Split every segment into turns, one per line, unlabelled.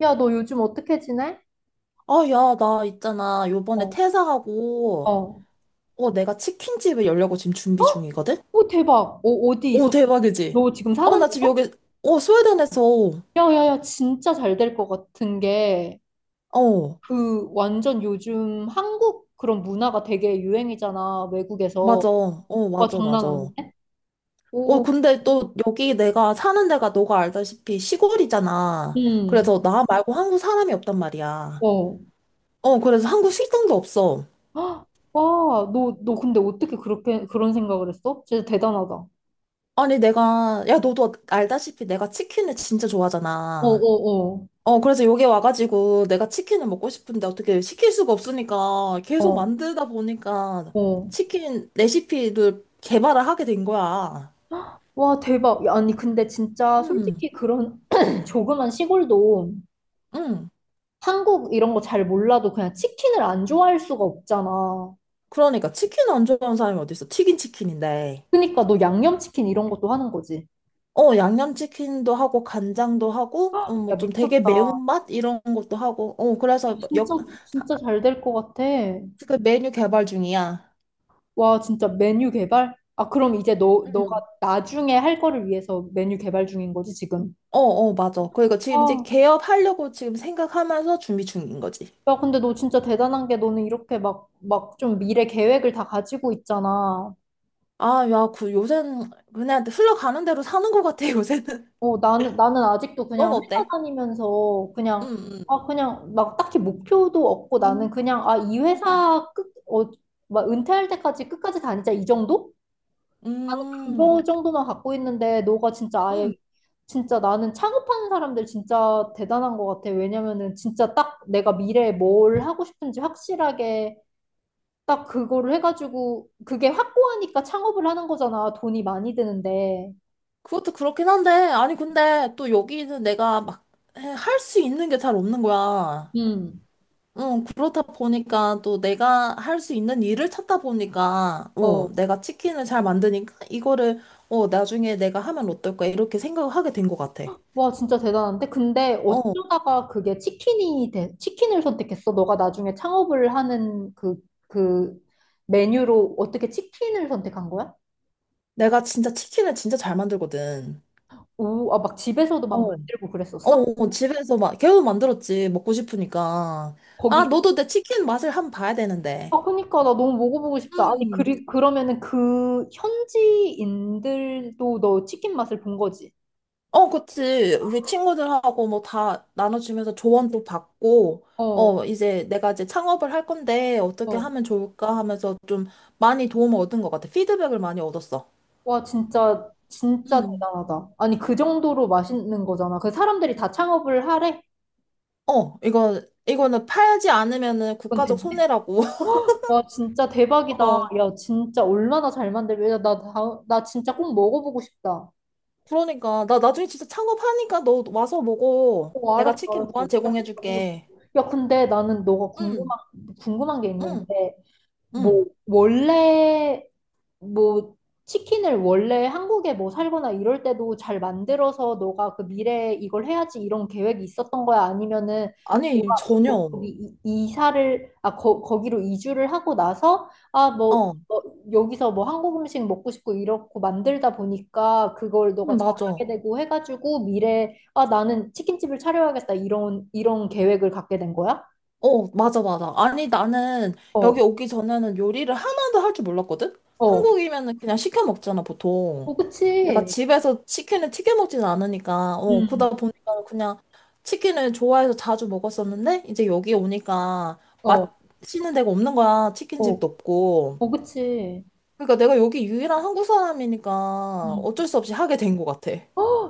야, 너 요즘 어떻게 지내?
아, 야, 나 있잖아. 요번에
어,
퇴사하고,
어.
내가 치킨집을 열려고 지금 준비
헉?
중이거든?
오, 대박. 어, 어디
오,
있어?
대박이지?
너 지금 사는
나
데.
지금 여기, 스웨덴에서,
야, 야, 야, 진짜 잘 될 것 같은 게,
어,
그, 완전 요즘 한국 그런 문화가 되게 유행이잖아, 외국에서.
맞아.
와,
맞아,
장난
맞아.
아닌데? 오,
근데 또 여기 내가 사는 데가 너가 알다시피 시골이잖아.
응,
그래서 나 말고 한국 사람이 없단 말이야.
어.
그래서 한국 식당도 없어.
헉, 와, 너 근데 어떻게 그렇게, 그런 생각을 했어? 진짜 대단하다. 어,
아니, 내가, 야, 너도 알다시피 내가 치킨을 진짜
어,
좋아하잖아.
어.
그래서 여기 와가지고 내가 치킨을 먹고 싶은데 어떻게 시킬 수가 없으니까 계속
어,
만들다 보니까
어.
치킨 레시피를 개발을 하게 된 거야.
와, 대박. 야, 아니, 근데 진짜
응,
솔직히 그런 조그만 시골도
응.
한국 이런 거 잘 몰라도 그냥 치킨을 안 좋아할 수가 없잖아.
그러니까 치킨 안 좋아하는 사람이 어딨어? 튀긴 치킨인데.
그러니까 너 양념치킨 이런 것도 하는 거지.
양념치킨도 하고 간장도 하고
야,
뭐좀 되게
미쳤다.
매운맛 이런 것도 하고. 그래서 뭐
진짜,
역, 하-
진짜 잘 될 것 같아.
그 메뉴 개발 중이야.
와, 진짜 메뉴 개발? 아, 그럼 이제 너가
응.
나중에 할 거를 위해서 메뉴 개발 중인 거지, 지금?
맞아. 그러니까 지금 이제
아,
개업하려고 지금 생각하면서 준비 중인 거지.
야, 근데 너 진짜 대단한 게 너는 이렇게 막 좀 미래 계획을 다 가지고 있잖아.
아, 야, 그 요새는 그냥 흘러가는 대로 사는 것 같아, 요새는.
어, 나는 아직도 그냥
넌
회사
어때?
다니면서 그냥,
응, 응,
아, 그냥 막 딱히 목표도 없고 나는 그냥, 아, 이
응,
회사 끝, 어, 막 은퇴할 때까지 끝까지 다니자 이 정도? 나는
응,
그거 정도만 갖고 있는데 너가 진짜 아예,
응.
진짜 나는 창업하는 사람들 진짜 대단한 것 같아. 왜냐면은 진짜 딱 내가 미래에 뭘 하고 싶은지 확실하게 딱 그거를 해가지고 그게 확고하니까 창업을 하는 거잖아. 돈이 많이 드는데.
그것도 그렇긴 한데, 아니, 근데 또 여기는 내가 막 할 수 있는 게 잘 없는 거야.
음.
응, 그렇다 보니까 또 내가 할 수 있는 일을 찾다 보니까,
어.
내가 치킨을 잘 만드니까 이거를, 나중에 내가 하면 어떨까, 이렇게 생각을 하게 된 것 같아.
와, 진짜 대단한데? 근데
어,
어쩌다가 그게 치킨이 돼, 치킨을 선택했어? 너가 나중에 창업을 하는 그 메뉴로 어떻게 치킨을 선택한 거야?
내가 진짜 치킨을 진짜 잘 만들거든.
오, 아, 막 집에서도 막
어.
만들고 그랬었어?
집에서 막 계속 만들었지. 먹고 싶으니까. 아,
거기,
너도 내 치킨 맛을 한번 봐야 되는데.
아, 그니까 나 너무 먹어보고 싶다. 아니,
음.
그러면은 그 현지인들도 너 치킨 맛을 본 거지?
어, 그치. 우리 친구들하고 뭐 다 나눠주면서 조언도 받고,
어,
이제 내가 이제 창업을 할 건데 어떻게
어.
하면 좋을까 하면서 좀 많이 도움을 얻은 것 같아. 피드백을 많이 얻었어.
와, 진짜, 진짜
음.
대단하다. 아니, 그 정도로 맛있는 거잖아. 그 사람들이 다 창업을 하래?
이거, 이거는 팔지 않으면은
그건
국가적
된.
손해라고.
와, 진짜 대박이다.
어.
야, 진짜 얼마나 잘 만들면, 야, 나, 다, 나 진짜 꼭 먹어보고 싶다.
그러니까. 나 나중에 진짜 창업하니까 너 와서 먹어.
어,
내가
알았어,
치킨
알았어.
무한
진짜 꼭 가보고 싶어.
제공해줄게.
야, 근데 나는 너가
응.
궁금한 게
응,
있는데,
응.
뭐, 원래 뭐 치킨을 원래 한국에 뭐 살거나 이럴 때도 잘 만들어서 너가 그 미래에 이걸 해야지 이런 계획이 있었던 거야? 아니면은
아니,
너가 뭐
전혀.
거기 이사를 아 거기로 이주를 하고 나서 아뭐 뭐
어,
어, 여기서 뭐 한국 음식 먹고 싶고 이렇고 만들다 보니까 그걸 너가
응,
잘하게
맞아.
되고 해가지고 미래에 아 나는 치킨집을 차려야겠다 이런 계획을 갖게 된 거야?
맞아, 맞아. 아니, 나는 여기
어,
오기 전에는 요리를 하나도 할 줄 몰랐거든?
어,
한국이면은 그냥 시켜 먹잖아, 보통.
어,
내가
그치.
집에서 치킨을 튀겨 먹진 않으니까,
음,
그러다 보니까 그냥 치킨을 좋아해서 자주 먹었었는데, 이제 여기 오니까
어,
맛있는 데가 없는 거야.
어,
치킨집도 없고.
어, 그치.
그러니까 내가 여기 유일한 한국 사람이니까
음.
어쩔 수 없이 하게 된 것 같아.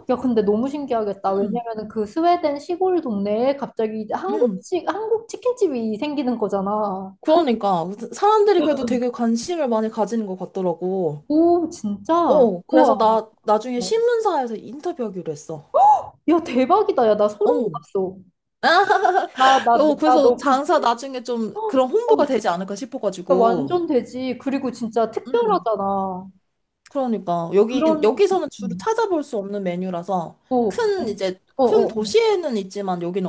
야, 근데 너무 신기하겠다.
응,
왜냐면은 그 스웨덴 시골 동네에 갑자기
응.
한국 치킨집이 생기는 거잖아.
그러니까 사람들이 그래도 되게 관심을 많이 가지는 것 같더라고.
오, 진짜?
어, 그래서
우와.
나 나중에 신문사에서 인터뷰하기로 했어.
야, 대박이다. 야, 나 소름
어,
돋았어. 나, 나, 나
그래서
너 그,
장사 나중에 좀 그런
어,
홍보가
어,
되지 않을까
야,
싶어가지고.
완전 되지. 그리고 진짜
음,
특별하잖아.
그러니까 여기
그런,
여기서는 주로
음.
찾아볼 수 없는 메뉴라서
어,
큰 이제
어,
큰
어.
도시에는 있지만 여기는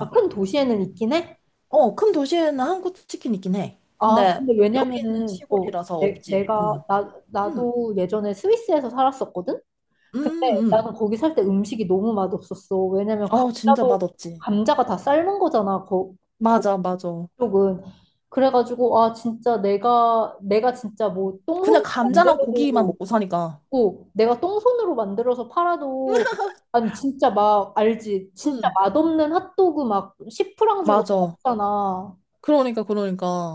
아, 큰 도시에는 있긴 해?
어, 큰 도시에는 한국 치킨 있긴 해.
아,
근데
근데
여기는
왜냐면은, 어,
시골이라서 없지. 응,
나,
응,
나도 예전에 스위스에서 살았었거든?
응,
근데
응.
나는 거기 살 때 음식이 너무 맛없었어. 왜냐면
어, 진짜
감자도
맛없지.
감자가 다 삶은 거잖아. 거,
맞아, 맞아.
거쪽은. 그래가지고 아 진짜 내가 진짜 뭐
그냥
똥손으로
감자랑 고기만
만들어도
먹고 사니까.
고 내가 똥손으로 만들어서 팔아도 아니 진짜 막 알지 진짜
응.
맛없는 핫도그 막 10프랑 주고
맞아.
샀잖아.
그러니까,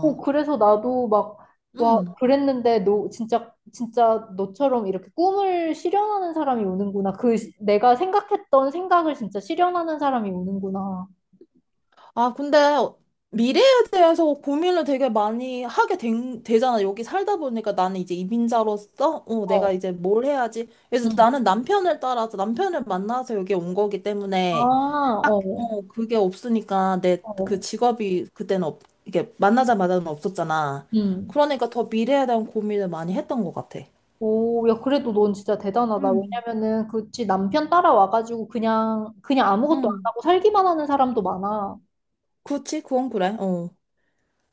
어, 그래서 나도 막, 와,
음.
그랬는데, 너, 진짜, 진짜 너처럼 이렇게 꿈을 실현하는 사람이 오는구나. 그, 내가 생각했던 생각을 진짜 실현하는 사람이 오는구나.
아, 근데 미래에 대해서 고민을 되게 많이 하게 된, 되잖아. 여기 살다 보니까 나는 이제 이민자로서, 내가
어,
이제 뭘 해야지. 그래서
응.
나는 남편을 따라서, 남편을 만나서 여기 온 거기
아,
때문에, 딱,
어,
그게 없으니까 내 그
어,
직업이 그때는 없, 이게 만나자마자는 없었잖아.
응.
그러니까 더 미래에 대한 고민을 많이 했던 것 같아.
오, 야, 그래도 넌 진짜 대단하다.
음.
왜냐면은, 그치, 남편 따라와가지고 그냥, 아무것도 안
음.
하고 살기만 하는 사람도 많아.
그치, 그건 그래. 어.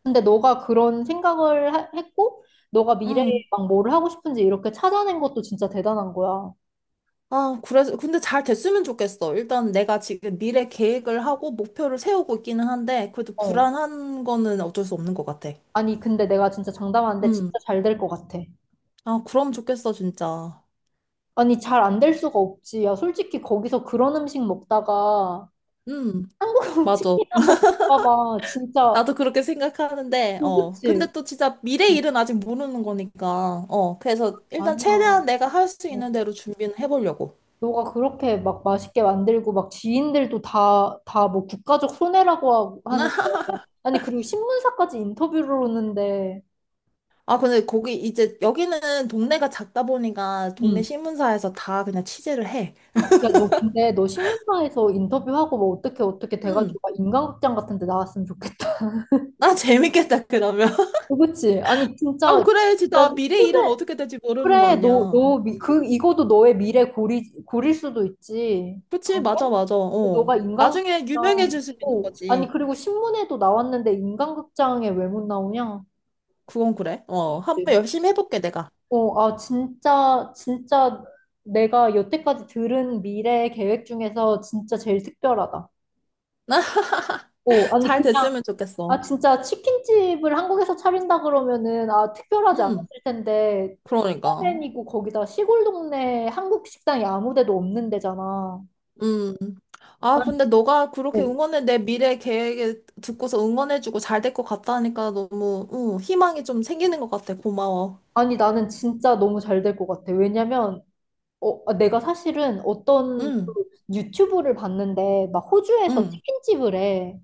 근데 너가 그런 생각을 했고, 너가 미래에
응.
막 뭘 하고 싶은지 이렇게 찾아낸 것도 진짜 대단한 거야.
아, 그래서, 근데 잘 됐으면 좋겠어. 일단 내가 지금 미래 계획을 하고 목표를 세우고 있기는 한데, 그래도
어.
불안한 거는 어쩔 수 없는 것 같아.
아니, 근데 내가 진짜 장담하는데 진짜
음.
잘 될 것 같아.
아, 그럼 좋겠어, 진짜.
아니, 잘 안 될 수가 없지. 야, 솔직히 거기서 그런 음식 먹다가
음,
한국
맞아.
치킨 한번 먹어봐. 진짜,
나도 그렇게 생각하는데,
어,
어.
그치?
근데 또 진짜 미래
응,
일은 아직 모르는 거니까, 어. 그래서 일단 최대한
아니야.
내가 할 수
어,
있는 대로 준비는 해보려고.
너가 그렇게 막 맛있게 만들고 막 지인들도 다 뭐 국가적 손해라고 하고 하는데. 아니, 그리고 신문사까지 인터뷰를 오는데.
아, 근데 거기 이제 여기는 동네가 작다 보니까 동네
응.
신문사에서 다 그냥 취재를 해.
야, 너 근데 너 신문사에서 인터뷰하고 뭐 어떻게 돼가지고
음.
막 인간극장 같은 데 나왔으면 좋겠다.
나 재밌겠다, 그러면.
어, 그치? 아니,
아,
진짜,
그래,
진짜,
진짜. 미래 일은
소재,
어떻게 될지 모르는 거
그래,
아니야.
그, 이거도 너의 미래 고릴 수도 있지.
그치,
안 그래?
맞아, 맞아.
너가
어. 나중에
인간극장,
유명해질 수 있는
오, 아니,
거지.
그리고 신문에도 나왔는데 인간극장에 왜 못 나오냐?
그건 그래. 어. 한번 열심히 해볼게, 내가.
어, 아, 진짜, 진짜 내가 여태까지 들은 미래 계획 중에서 진짜 제일 특별하다. 어, 아니,
잘
그냥,
됐으면
아,
좋겠어.
진짜 치킨집을 한국에서 차린다 그러면은, 아, 특별하지 않았을
음,
텐데,
그러니까.
스웨덴이고 거기다 시골 동네 한국 식당이 아무 데도 없는 데잖아.
음. 아,
난,
근데 너가 그렇게
진짜-
응원해, 내 미래 계획에 듣고서 응원해주고 잘 될 것 같다니까 너무, 희망이 좀 생기는 것 같아. 고마워.
아니, 나는 진짜 너무 잘 될 것 같아. 왜냐면, 어, 아, 내가 사실은 어떤 그
음,
유튜브를 봤는데, 막 호주에서
음.
치킨집을 해.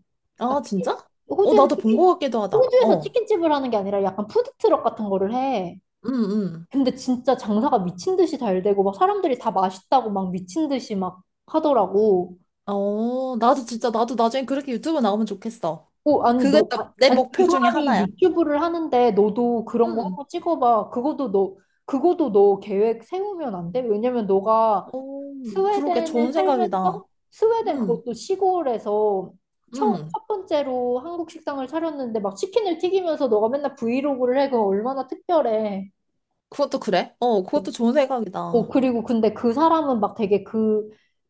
아,
아, 진짜? 어,
호주에서
나도 본
치킨,
것 같기도 하다.
호주에서
어.
치킨집을 하는 게 아니라 약간 푸드트럭 같은 거를 해.
음, 음.
근데 진짜 장사가 미친 듯이 잘 되고 막 사람들이 다 맛있다고 막 미친 듯이 막 하더라고.
어, 나도 진짜, 나도 나중에 그렇게 유튜브 나오면 좋겠어.
어, 아니 어,
그게
너
진짜 내
아니 그
목표 중에
사람이
하나야.
유튜브를 하는데 너도 그런 거
음.
한번 찍어봐. 그것도 너 계획 세우면 안 돼? 왜냐면 너가
오, 그러게 좋은
스웨덴에
생각이다.
살면서 스웨덴
음,
그것도 시골에서 첫,
음.
첫 번째로 한국 식당을 차렸는데 막 치킨을 튀기면서 너가 맨날 브이로그를 해. 그거 얼마나 특별해.
그것도 그래? 어, 그것도 좋은
어,
생각이다.
그리고 근데 그 사람은 막 되게 그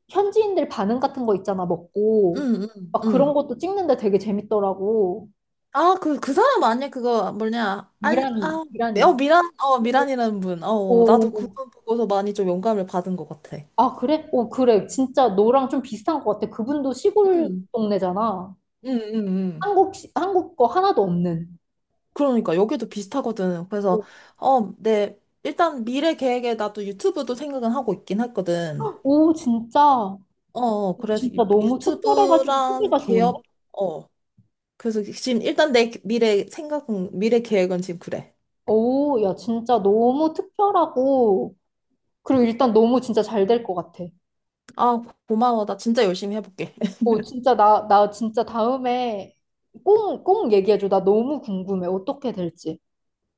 현지인들 반응 같은 거 있잖아, 먹고.
음, 음,
막 그런
음.
것도 찍는데 되게 재밌더라고.
아, 그, 그 사람 아니야? 그거 뭐냐? 알, 아,
이란이, 이란이.
미란, 미란이라는 분. 어,
오,
나도
오.
그분 보고서 많이 좀 영감을 받은 것 같아.
아, 그래? 오, 그래. 진짜 너랑 좀 비슷한 것 같아. 그분도 시골
음,
동네잖아.
음, 음, 음.
한국 거 하나도 없는.
그러니까 여기도 비슷하거든. 그래서
오,
내 일단 미래 계획에 나도 유튜브도 생각은 하고 있긴 했거든.
오, 진짜.
그래서
진짜 너무 특별해가지고
유튜브랑
소개가 좋은데?
기업 어. 그래서 지금 일단 내 미래 생각은 미래 계획은 지금 그래.
오, 야, 진짜 너무 특별하고. 그리고 일단 너무 진짜 잘 될 것 같아.
아, 고마워. 나 진짜 열심히 해볼게.
오, 진짜 나 진짜 다음에 꼭, 꼭 얘기해줘. 나 너무 궁금해. 어떻게 될지.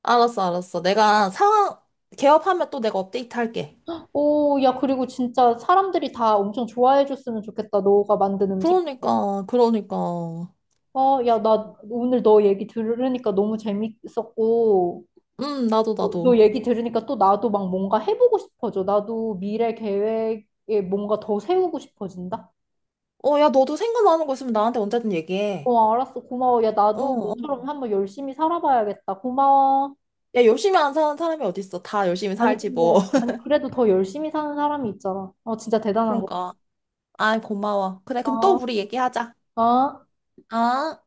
알았어, 알았어. 내가 상황 개업하면 또 내가 업데이트 할게.
오, 야, 그리고 진짜 사람들이 다 엄청 좋아해줬으면 좋겠다. 너가 만든 음식.
그러니까, 그러니까.
어, 야, 나 오늘 너 얘기 들으니까 너무 재밌었고,
나도
어, 너
나도.
얘기 들으니까 또 나도 막 뭔가 해보고 싶어져. 나도 미래 계획에 뭔가 더 세우고 싶어진다.
야, 너도 생각나는 거 있으면 나한테 언제든 얘기해.
어, 알았어. 고마워. 야,
어.
나도
어.
너처럼 한번 열심히 살아봐야겠다. 고마워.
야, 열심히 안 사는 사람이 어딨어. 다 열심히
아니
살지,
근데
뭐.
아니 그래도 더 열심히 사는 사람이 있잖아. 어 진짜 대단한 거.
그런가. 아, 고마워. 그래, 그럼 또
어,
우리 얘기하자.
어.
아.